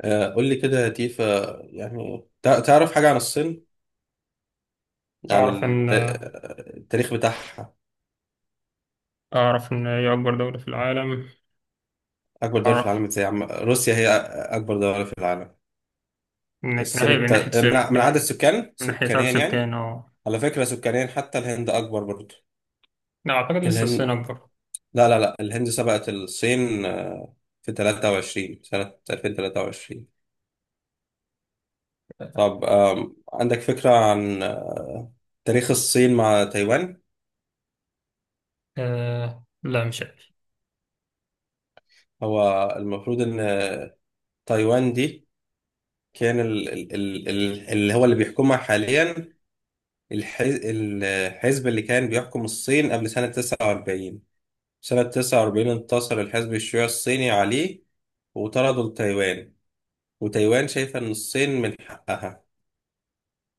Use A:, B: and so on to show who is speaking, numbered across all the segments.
A: قول لي كده يا تيفا. يعني تعرف حاجة عن الصين، عن
B: أعرف إن
A: التاريخ بتاعها.
B: أعرف إن هي أكبر دولة في العالم.
A: أكبر دولة في
B: أعرف
A: العالم إزاي؟ روسيا هي أكبر دولة في العالم.
B: إن كان
A: الصين
B: هي من ناحية
A: من من عدد
B: سكان،
A: السكان،
B: من ناحية عدد
A: سكانيا يعني.
B: سكان. أه،
A: على فكرة سكانيا حتى الهند أكبر برضه.
B: لا أعتقد لسه
A: الهند،
B: الصين أكبر.
A: لا لا لا، الهند سبقت الصين في 23 سنة 2023. طب عندك فكرة عن تاريخ الصين مع تايوان؟
B: أه، لا مش عارف.
A: هو المفروض إن تايوان دي، كان ال اللي هو اللي بيحكمها حاليا، الحزب اللي كان بيحكم الصين قبل سنة 49. سنة 49 انتصر الحزب الشيوعي الصيني عليه وطردوا لتايوان. وتايوان شايفة إن الصين من حقها،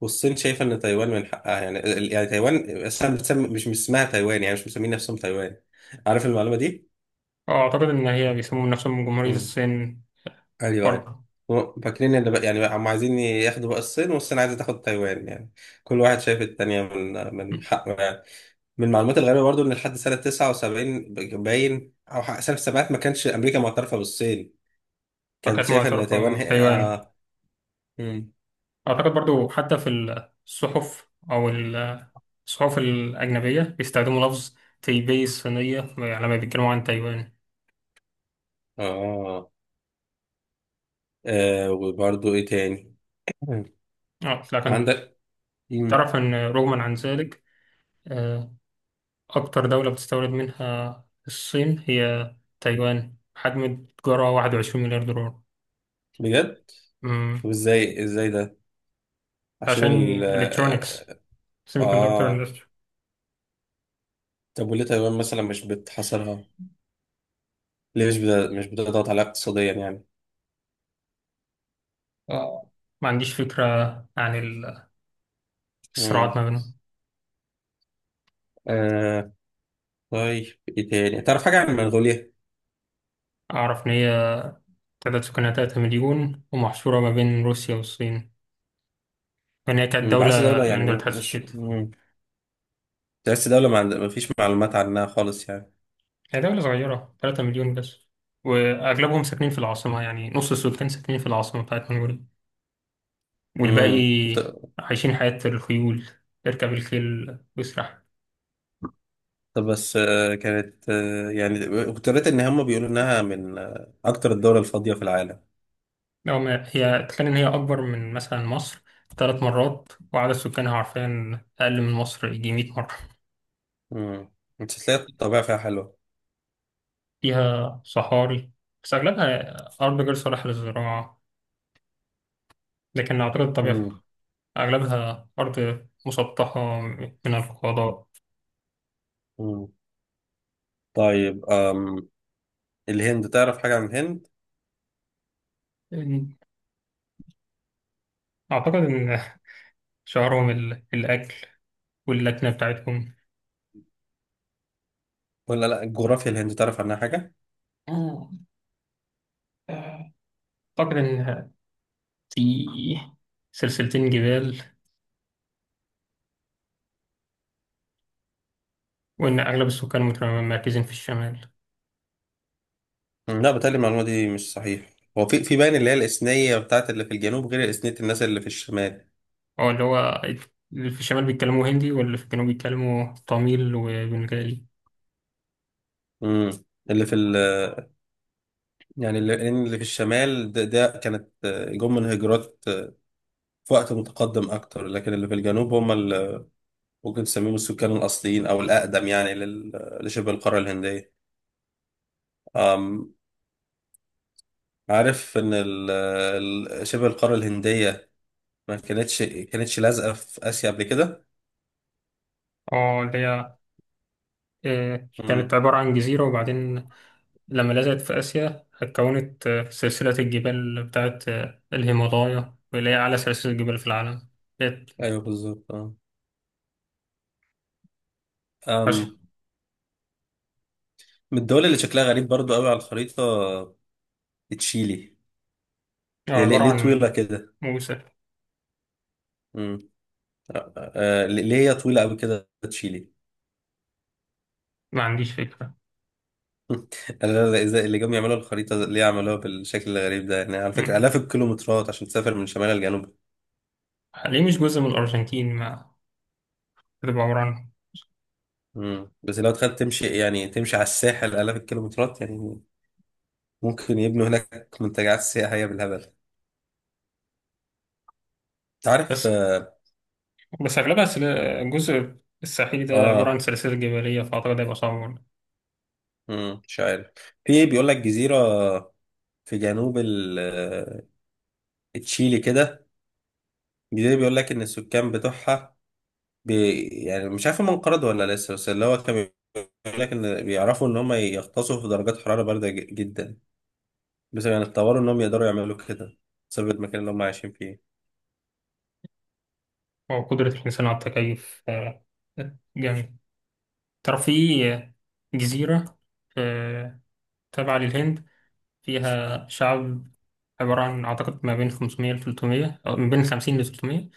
A: والصين شايفة إن تايوان من حقها. يعني يعني تايوان أصلا بتسمي، مش اسمها تايوان، يعني مش مسمين نفسهم تايوان. عارف المعلومة دي؟
B: أعتقد إن هي بيسمون نفسهم جمهورية الصين
A: ايوه، ايوه.
B: برضه.
A: هو فاكرين ان، بقى يعني هم عايزين ياخدوا بقى الصين، والصين عايزه تاخد تايوان، يعني كل واحد شايف التانية من حقه يعني. من المعلومات الغريبه برضو ان لحد سنه 79 باين، او سنه السبعينات ما كانش امريكا معترفه بالصين، كانت
B: وكانت
A: شايفه ان
B: معترفة
A: تايوان هي
B: بتايوان.
A: مم.
B: أعتقد برضه حتى في الصحف أو ال- الصحف الأجنبية بيستخدموا لفظ تايبي الصينية، يعني لما بيتكلموا عن تايوان.
A: اه. آه. وبرضو ايه تاني؟ مم.
B: لكن
A: عندك. مم.
B: تعرف إن رغما عن ذلك، آه، أكتر دولة بتستورد منها الصين هي تايوان، حجم التجارة 21 مليار دولار.
A: بجد؟ طب
B: مم.
A: ازاي ده؟ عشان
B: عشان
A: ال
B: الكترونكس
A: اه
B: سيمي كوندكتور
A: آه.
B: اندستري.
A: طب وليه تايوان مثلا مش بتحاصرها؟ ليه مش بتضغط عليها اقتصاديا يعني.
B: ما عنديش فكرة عن
A: مم.
B: الصراعات ما بينهم.
A: آه. طيب ايه تاني، تعرف حاجة عن منغوليا؟
B: أعرف إن هي تعداد سكانها 3 مليون، ومحصورة ما بين روسيا والصين، لأن هي كانت
A: مم، بحس
B: دولة
A: دولة يعني،
B: من دول الاتحاد
A: مش.
B: السوفيتي.
A: تحس دولة ما فيش معلومات عنها خالص يعني.
B: هي دولة صغيرة، 3 مليون بس، وأغلبهم ساكنين في العاصمة، يعني نص السكان ساكنين في العاصمة بتاعت منغوليا، والباقي
A: مم.
B: عايشين حياة الخيول، يركب الخيل ويسرح.
A: طب بس، كانت يعني، كنت قريت ان هم بيقولوا انها من اكتر الدول الفاضية في العالم.
B: لو ما هي، تخيل إن هي أكبر من مثلا مصر ثلاث مرات، وعدد سكانها، عارفين، أقل من مصر يجي 100 مرة.
A: مم. انت تلاقي الطبيعة فيها حلوة.
B: فيها صحاري، بس أغلبها أرض غير صالحة للزراعة، لكن أعتقد الطبيعة فيها.
A: مم.
B: أغلبها أرض مسطحة من الفضاء.
A: مم. طيب الهند، تعرف حاجة عن الهند؟
B: أعتقد إن شعارهم الأكل واللكنة بتاعتهم.
A: ولا لا، الجغرافيا، الهند تعرف عنها حاجة؟
B: اه. أعتقد إن في سلسلتين جبال، وإن أغلب السكان متمركزين في الشمال.
A: لا، بتهيألي المعلومة دي مش صحيح. هو في باين اللي هي الإثنية بتاعت اللي في الجنوب غير إثنية الناس اللي في الشمال.
B: أو اللي هو، اللي في الشمال بيتكلموا هندي، واللي في الجنوب بيتكلموا تاميل وبنغالي.
A: امم. اللي في ال، يعني اللي في الشمال ده كانت جم من هجرات في وقت متقدم أكتر، لكن اللي في الجنوب هم اللي ممكن تسميهم السكان الأصليين أو الأقدم، يعني لشبه القارة الهندية. أم. عارف إن شبه القارة الهندية ما كانتش كانتش لازقة في آسيا قبل كده.
B: اه، اللي هي كانت
A: امم.
B: عبارة عن جزيرة، وبعدين لما لزقت في آسيا اتكونت سلسلة الجبال بتاعت الهيمالايا، واللي هي أعلى سلسلة جبال في العالم. كانت
A: أيوه بالظبط. أه.
B: عش-
A: من الدول اللي شكلها غريب برضو قوي على الخريطة، تشيلي. هي
B: عبارة
A: ليه
B: عن
A: طويلة كده؟
B: موسى.
A: امم. ليه هي طويلة قوي كده تشيلي؟
B: ما عنديش فكرة.
A: انا لا، إزاي اللي جم يعملوا الخريطة ليه عملوها بالشكل الغريب ده يعني؟ على فكرة
B: مم.
A: آلاف الكيلومترات عشان تسافر من شمال لجنوب.
B: ليه مش جزء من الأرجنتين، ما تبقى عبارة عن.
A: بس لو تخيل تمشي، يعني تمشي على الساحل آلاف الكيلومترات يعني. ممكن يبنوا هناك منتجعات سياحية بالهبل. تعرف
B: بس بس أغلبها الجزء الساحلي ده عبارة عن
A: آه.
B: سلاسل جبلية، فأعتقد هيبقى صعب.
A: مم. مش عارف. في بيقول لك جزيرة في جنوب تشيلي كده. الجزيرة بيقول لك إن السكان بتوعها، يعني مش عارف هم انقرضوا ولا لسه، بس اللي هو كان بيقول لك إن بيعرفوا إن هم يغطسوا في درجات حرارة باردة جدا. بس يعني اتطوروا إن هم يقدروا يعملوا كده بسبب المكان اللي هم عايشين فيه.
B: وقدرة الإنسان على التكيف، جامد. ترى في جزيرة آه، تابعة للهند، فيها شعب عبارة عن، أعتقد، ما بين 500 ل 300، أو من بين 50 ل 300.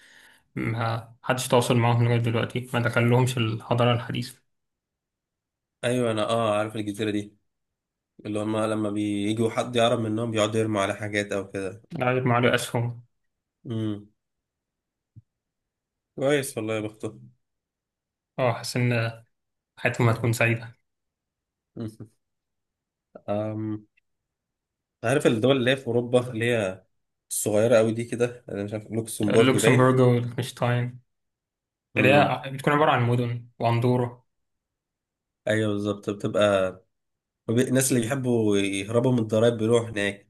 B: ما حدش تواصل معاهم لغاية دلوقتي، ما دخلهمش الحضارة الحديثة
A: أيوة أنا عارف الجزيرة دي، اللي هم لما بييجوا حد يقرب منهم بيقعدوا يرموا على حاجات أو كده.
B: غير مع أسهم.
A: امم. كويس، والله يا بختهم.
B: أه، حاسس إن حياتهم هتكون سعيدة.
A: أمم. عارف الدول اللي هي في أوروبا اللي هي الصغيرة أوي دي كده؟ أنا مش عارف، لوكسمبورج باين.
B: لوكسمبورغ وليechtenstein، اللي
A: امم.
B: هي بتكون عبارة عن مدن، وأندورا.
A: ايوه بالظبط، بتبقى، الناس اللي بيحبوا يهربوا من الضرايب بيروحوا هناك.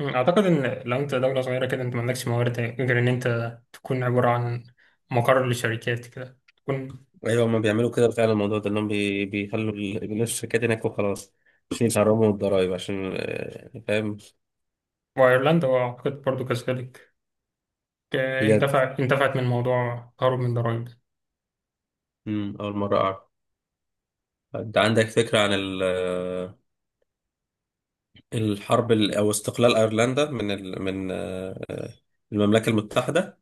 B: أعتقد إن لو أنت دولة صغيرة كده، أنت ما عندكش موارد غير إن أنت تكون عبارة عن مقر لشركات كده، تكون.
A: ايوه، هما بيعملوا كده فعلا، الموضوع ده انهم بيخلوا بيخلوا الشركات هناك وخلاص، عشان يهربوا من الضرايب، عشان فاهم.
B: وأيرلندا، وأعتقد برضو كذلك،
A: بجد؟
B: اندفعت من موضوع تهرب من ضرائب ده.
A: اول مره اعرف. انت عندك فكره عن الحرب او استقلال ايرلندا من المملكه المتحده؟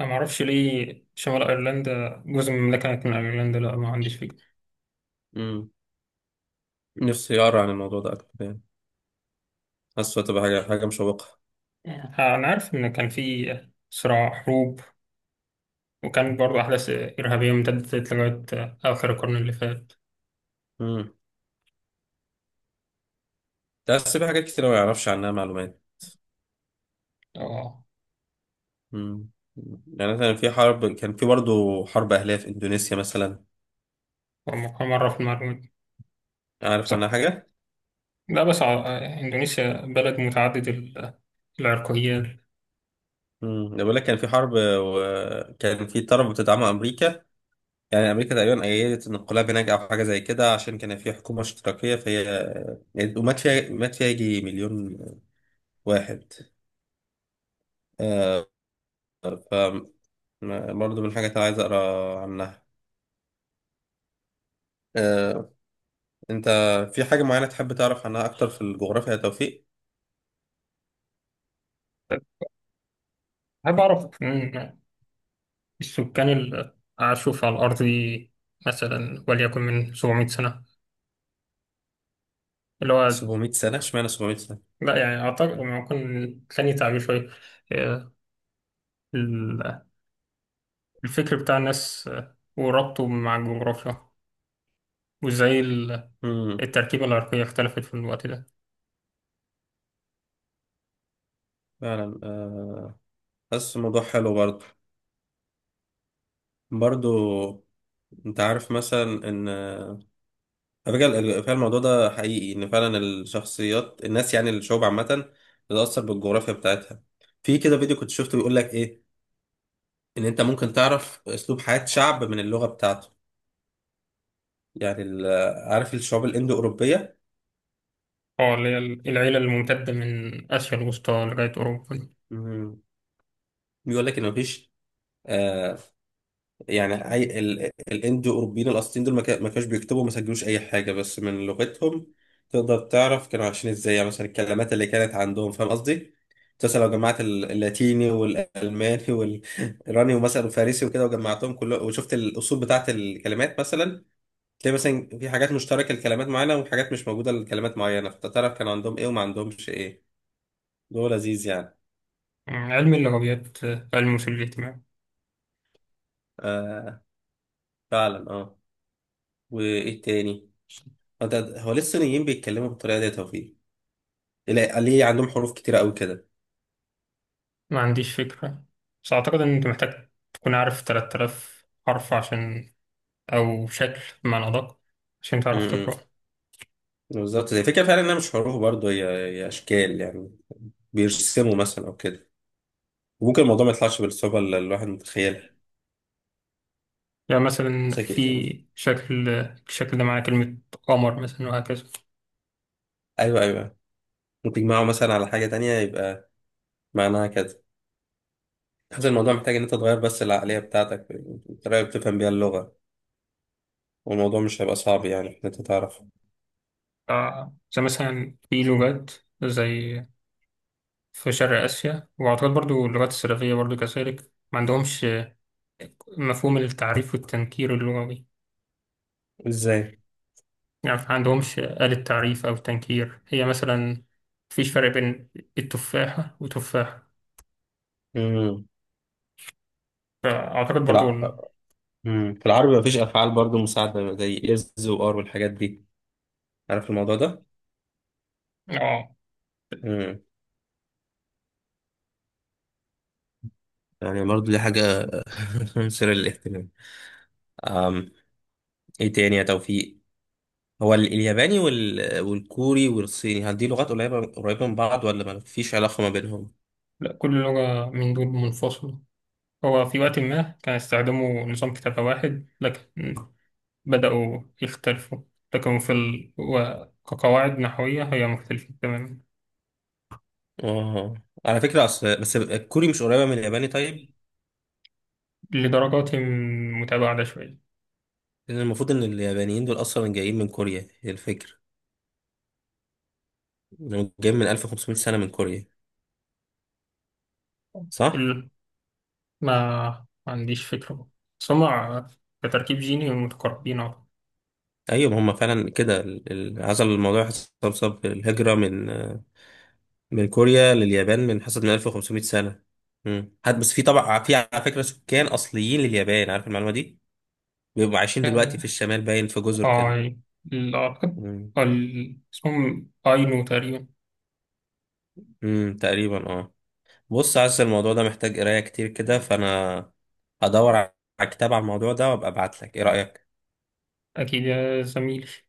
B: أنا معرفش ليه شمال أيرلندا جزء من المملكة كانت من أيرلندا، لا ما عنديش فكرة.
A: أمم، نفسي اقرا عن الموضوع ده اكتر يعني، حاسه تبقى حاجه مشوقه.
B: أنا عارف إن كان في صراع، حروب، وكان برضو أحداث إرهابية امتدت لغاية آخر القرن اللي فات.
A: امم بس في حاجات كتير ما يعرفش عنها معلومات.
B: أه.
A: مم. يعني مثلا في حرب، كان في برضه حرب أهلية في إندونيسيا مثلا.
B: مرة في المعلومات.
A: عارف عنها
B: So،
A: حاجة؟
B: لا بس إندونيسيا بلد متعدد العرقيات.
A: بقول لك كان في حرب، وكان في طرف بتدعمه أمريكا، يعني أمريكا تقريبا أيدت الانقلاب هناك أو حاجة زي كده، عشان كان في حكومة اشتراكية فهي يعني. ومات فيها مات فيها يجي مليون واحد. آه. ف برضه من الحاجات اللي عايز أقرأ عنها. آه. أنت في حاجة معينة تحب تعرف عنها أكتر في الجغرافيا يا توفيق؟
B: أحب أعرف، السكان اللي عاشوا في على الأرض دي، مثلا وليكن من 700 سنة، اللي هو،
A: 700 سنة، اشمعنى 700 سنة؟
B: لا يعني أعتقد لما يكون ثاني تعبير شوية، آه، ال- الفكر بتاع الناس، وربطه مع الجغرافيا، وإزاي
A: امم
B: التركيبة العرقية اختلفت في الوقت ده.
A: فعلا حاسس الموضوع حلو برضه. برضه، انت عارف مثلا ان، على فكرة فعلا الموضوع ده حقيقي، ان فعلا الشخصيات، الناس، يعني الشعوب عامة بتتأثر بالجغرافيا بتاعتها. في كده فيديو كنت شفته بيقول لك ايه، ان انت ممكن تعرف اسلوب حياة شعب من اللغة بتاعته. يعني عارف الشعوب الاندو اوروبية؟
B: اه اللي هي العيلة الممتدة من آسيا الوسطى لغاية أوروبا.
A: بيقول لك ان مفيش آه، يعني اي الاندو اوروبيين الاصليين دول ما كانوش بيكتبوا، ما سجلوش اي حاجه، بس من لغتهم تقدر تعرف كانوا عايشين ازاي. يعني مثلا الكلمات اللي كانت عندهم، فاهم قصدي؟ مثلا لو جمعت اللاتيني والالماني والايراني ومثلا الفارسي وكده، وجمعتهم كله وشفت الاصول بتاعت الكلمات مثلا، تلاقي مثلا في حاجات مشتركه لكلمات معينه، وحاجات مش موجوده لكلمات معينه، فتعرف كان عندهم ايه وما عندهمش ايه. ده لذيذ يعني.
B: علم اللغويات، علم وسيلة الاجتماع.
A: آه. فعلا وايه تاني؟ هو هو ليه الصينيين بيتكلموا بالطريقه دي يا توفيق؟ لا، ليه عندهم حروف كتيرة قوي كده؟
B: ما عنديش فكرة. بس أعتقد إن أنت محتاج تكون عارف 3000 حرف عشان، أو شكل بمعنى أدق، عشان تعرف تقرأ.
A: امم. بالظبط زي فكرة، فعلا انها مش حروف برضه، هي اشكال يعني، بيرسموا مثلا او كده. وممكن الموضوع ما يطلعش بالصعوبة اللي الواحد متخيلها.
B: يعني مثلا
A: بس أكيد-
B: في شكل، الشكل ده معناه كلمة قمر مثلا، وهكذا.
A: ايوه، ايوه، ممكن تجمعه مثلا على حاجة تانية يبقى معناها كده. حاسس الموضوع محتاج ان انت تغير بس العقلية بتاعتك، الطريقة اللي بتفهم بيها اللغة، والموضوع مش هيبقى صعب، يعني ان انت تعرف
B: ف- زي مثلا في لغات، زي في شرق آسيا، وأعتقد برضو اللغات السلافية برضو كذلك ما عندهمش مفهوم التعريف والتنكير اللغوي.
A: ازاي.
B: يعني ما عندهمش آلة تعريف أو تنكير، هي مثلا مفيش فرق بين التفاحة وتفاحة.
A: امم.
B: فأعتقد
A: في
B: برضو
A: الع... مم. في العربي مفيش افعال برضه مساعدة زي از وار والحاجات دي، عارف الموضوع
B: آه،
A: ده؟ يعني برضو دي حاجة مثيرة للاهتمام. أم، ايه تاني يا توفيق؟ هو الياباني والكوري والصيني، هل دي لغات قريبة قريبة من بعض ولا ما فيش علاقة ما بينهم؟
B: لا كل لغة من دول منفصلة. هو في وقت ما كان يستخدموا نظام كتابة واحد، لكن بدأوا يختلفوا. لكن في كقواعد نحوية هي مختلفة تماما.
A: اه. على فكرة أصل بس، الكوري مش قريبة من الياباني طيب؟
B: لدرجات متباعدة شوية.
A: لأن المفروض إن اليابانيين دول أصلا جايين من كوريا، هي الفكرة، إنهم جايين من 1500 سنة من كوريا، صح؟
B: ال... ما ما عنديش فكرة، بس هما كتركيب جيني متقاربين.
A: أيوة، ما هم فعلا كده، عزل الموضوع حصل بسبب الهجرة من كوريا لليابان، بنحسب من 1500 سنة. حد بس، في طبعا، في على فكرة سكان أصليين لليابان، عارف المعلومة دي؟ بيبقوا عايشين دلوقتي في
B: أعتقد.
A: الشمال باين، في جزر كده.
B: اي اعتقد
A: امم
B: اسمهم اينو تقريبا.
A: تقريبا اه. بص عايز، الموضوع ده محتاج قراية كتير كده، فأنا هدور على كتاب على الموضوع ده وأبقى أبعت لك، إيه رأيك؟
B: اكيد يا زميلي.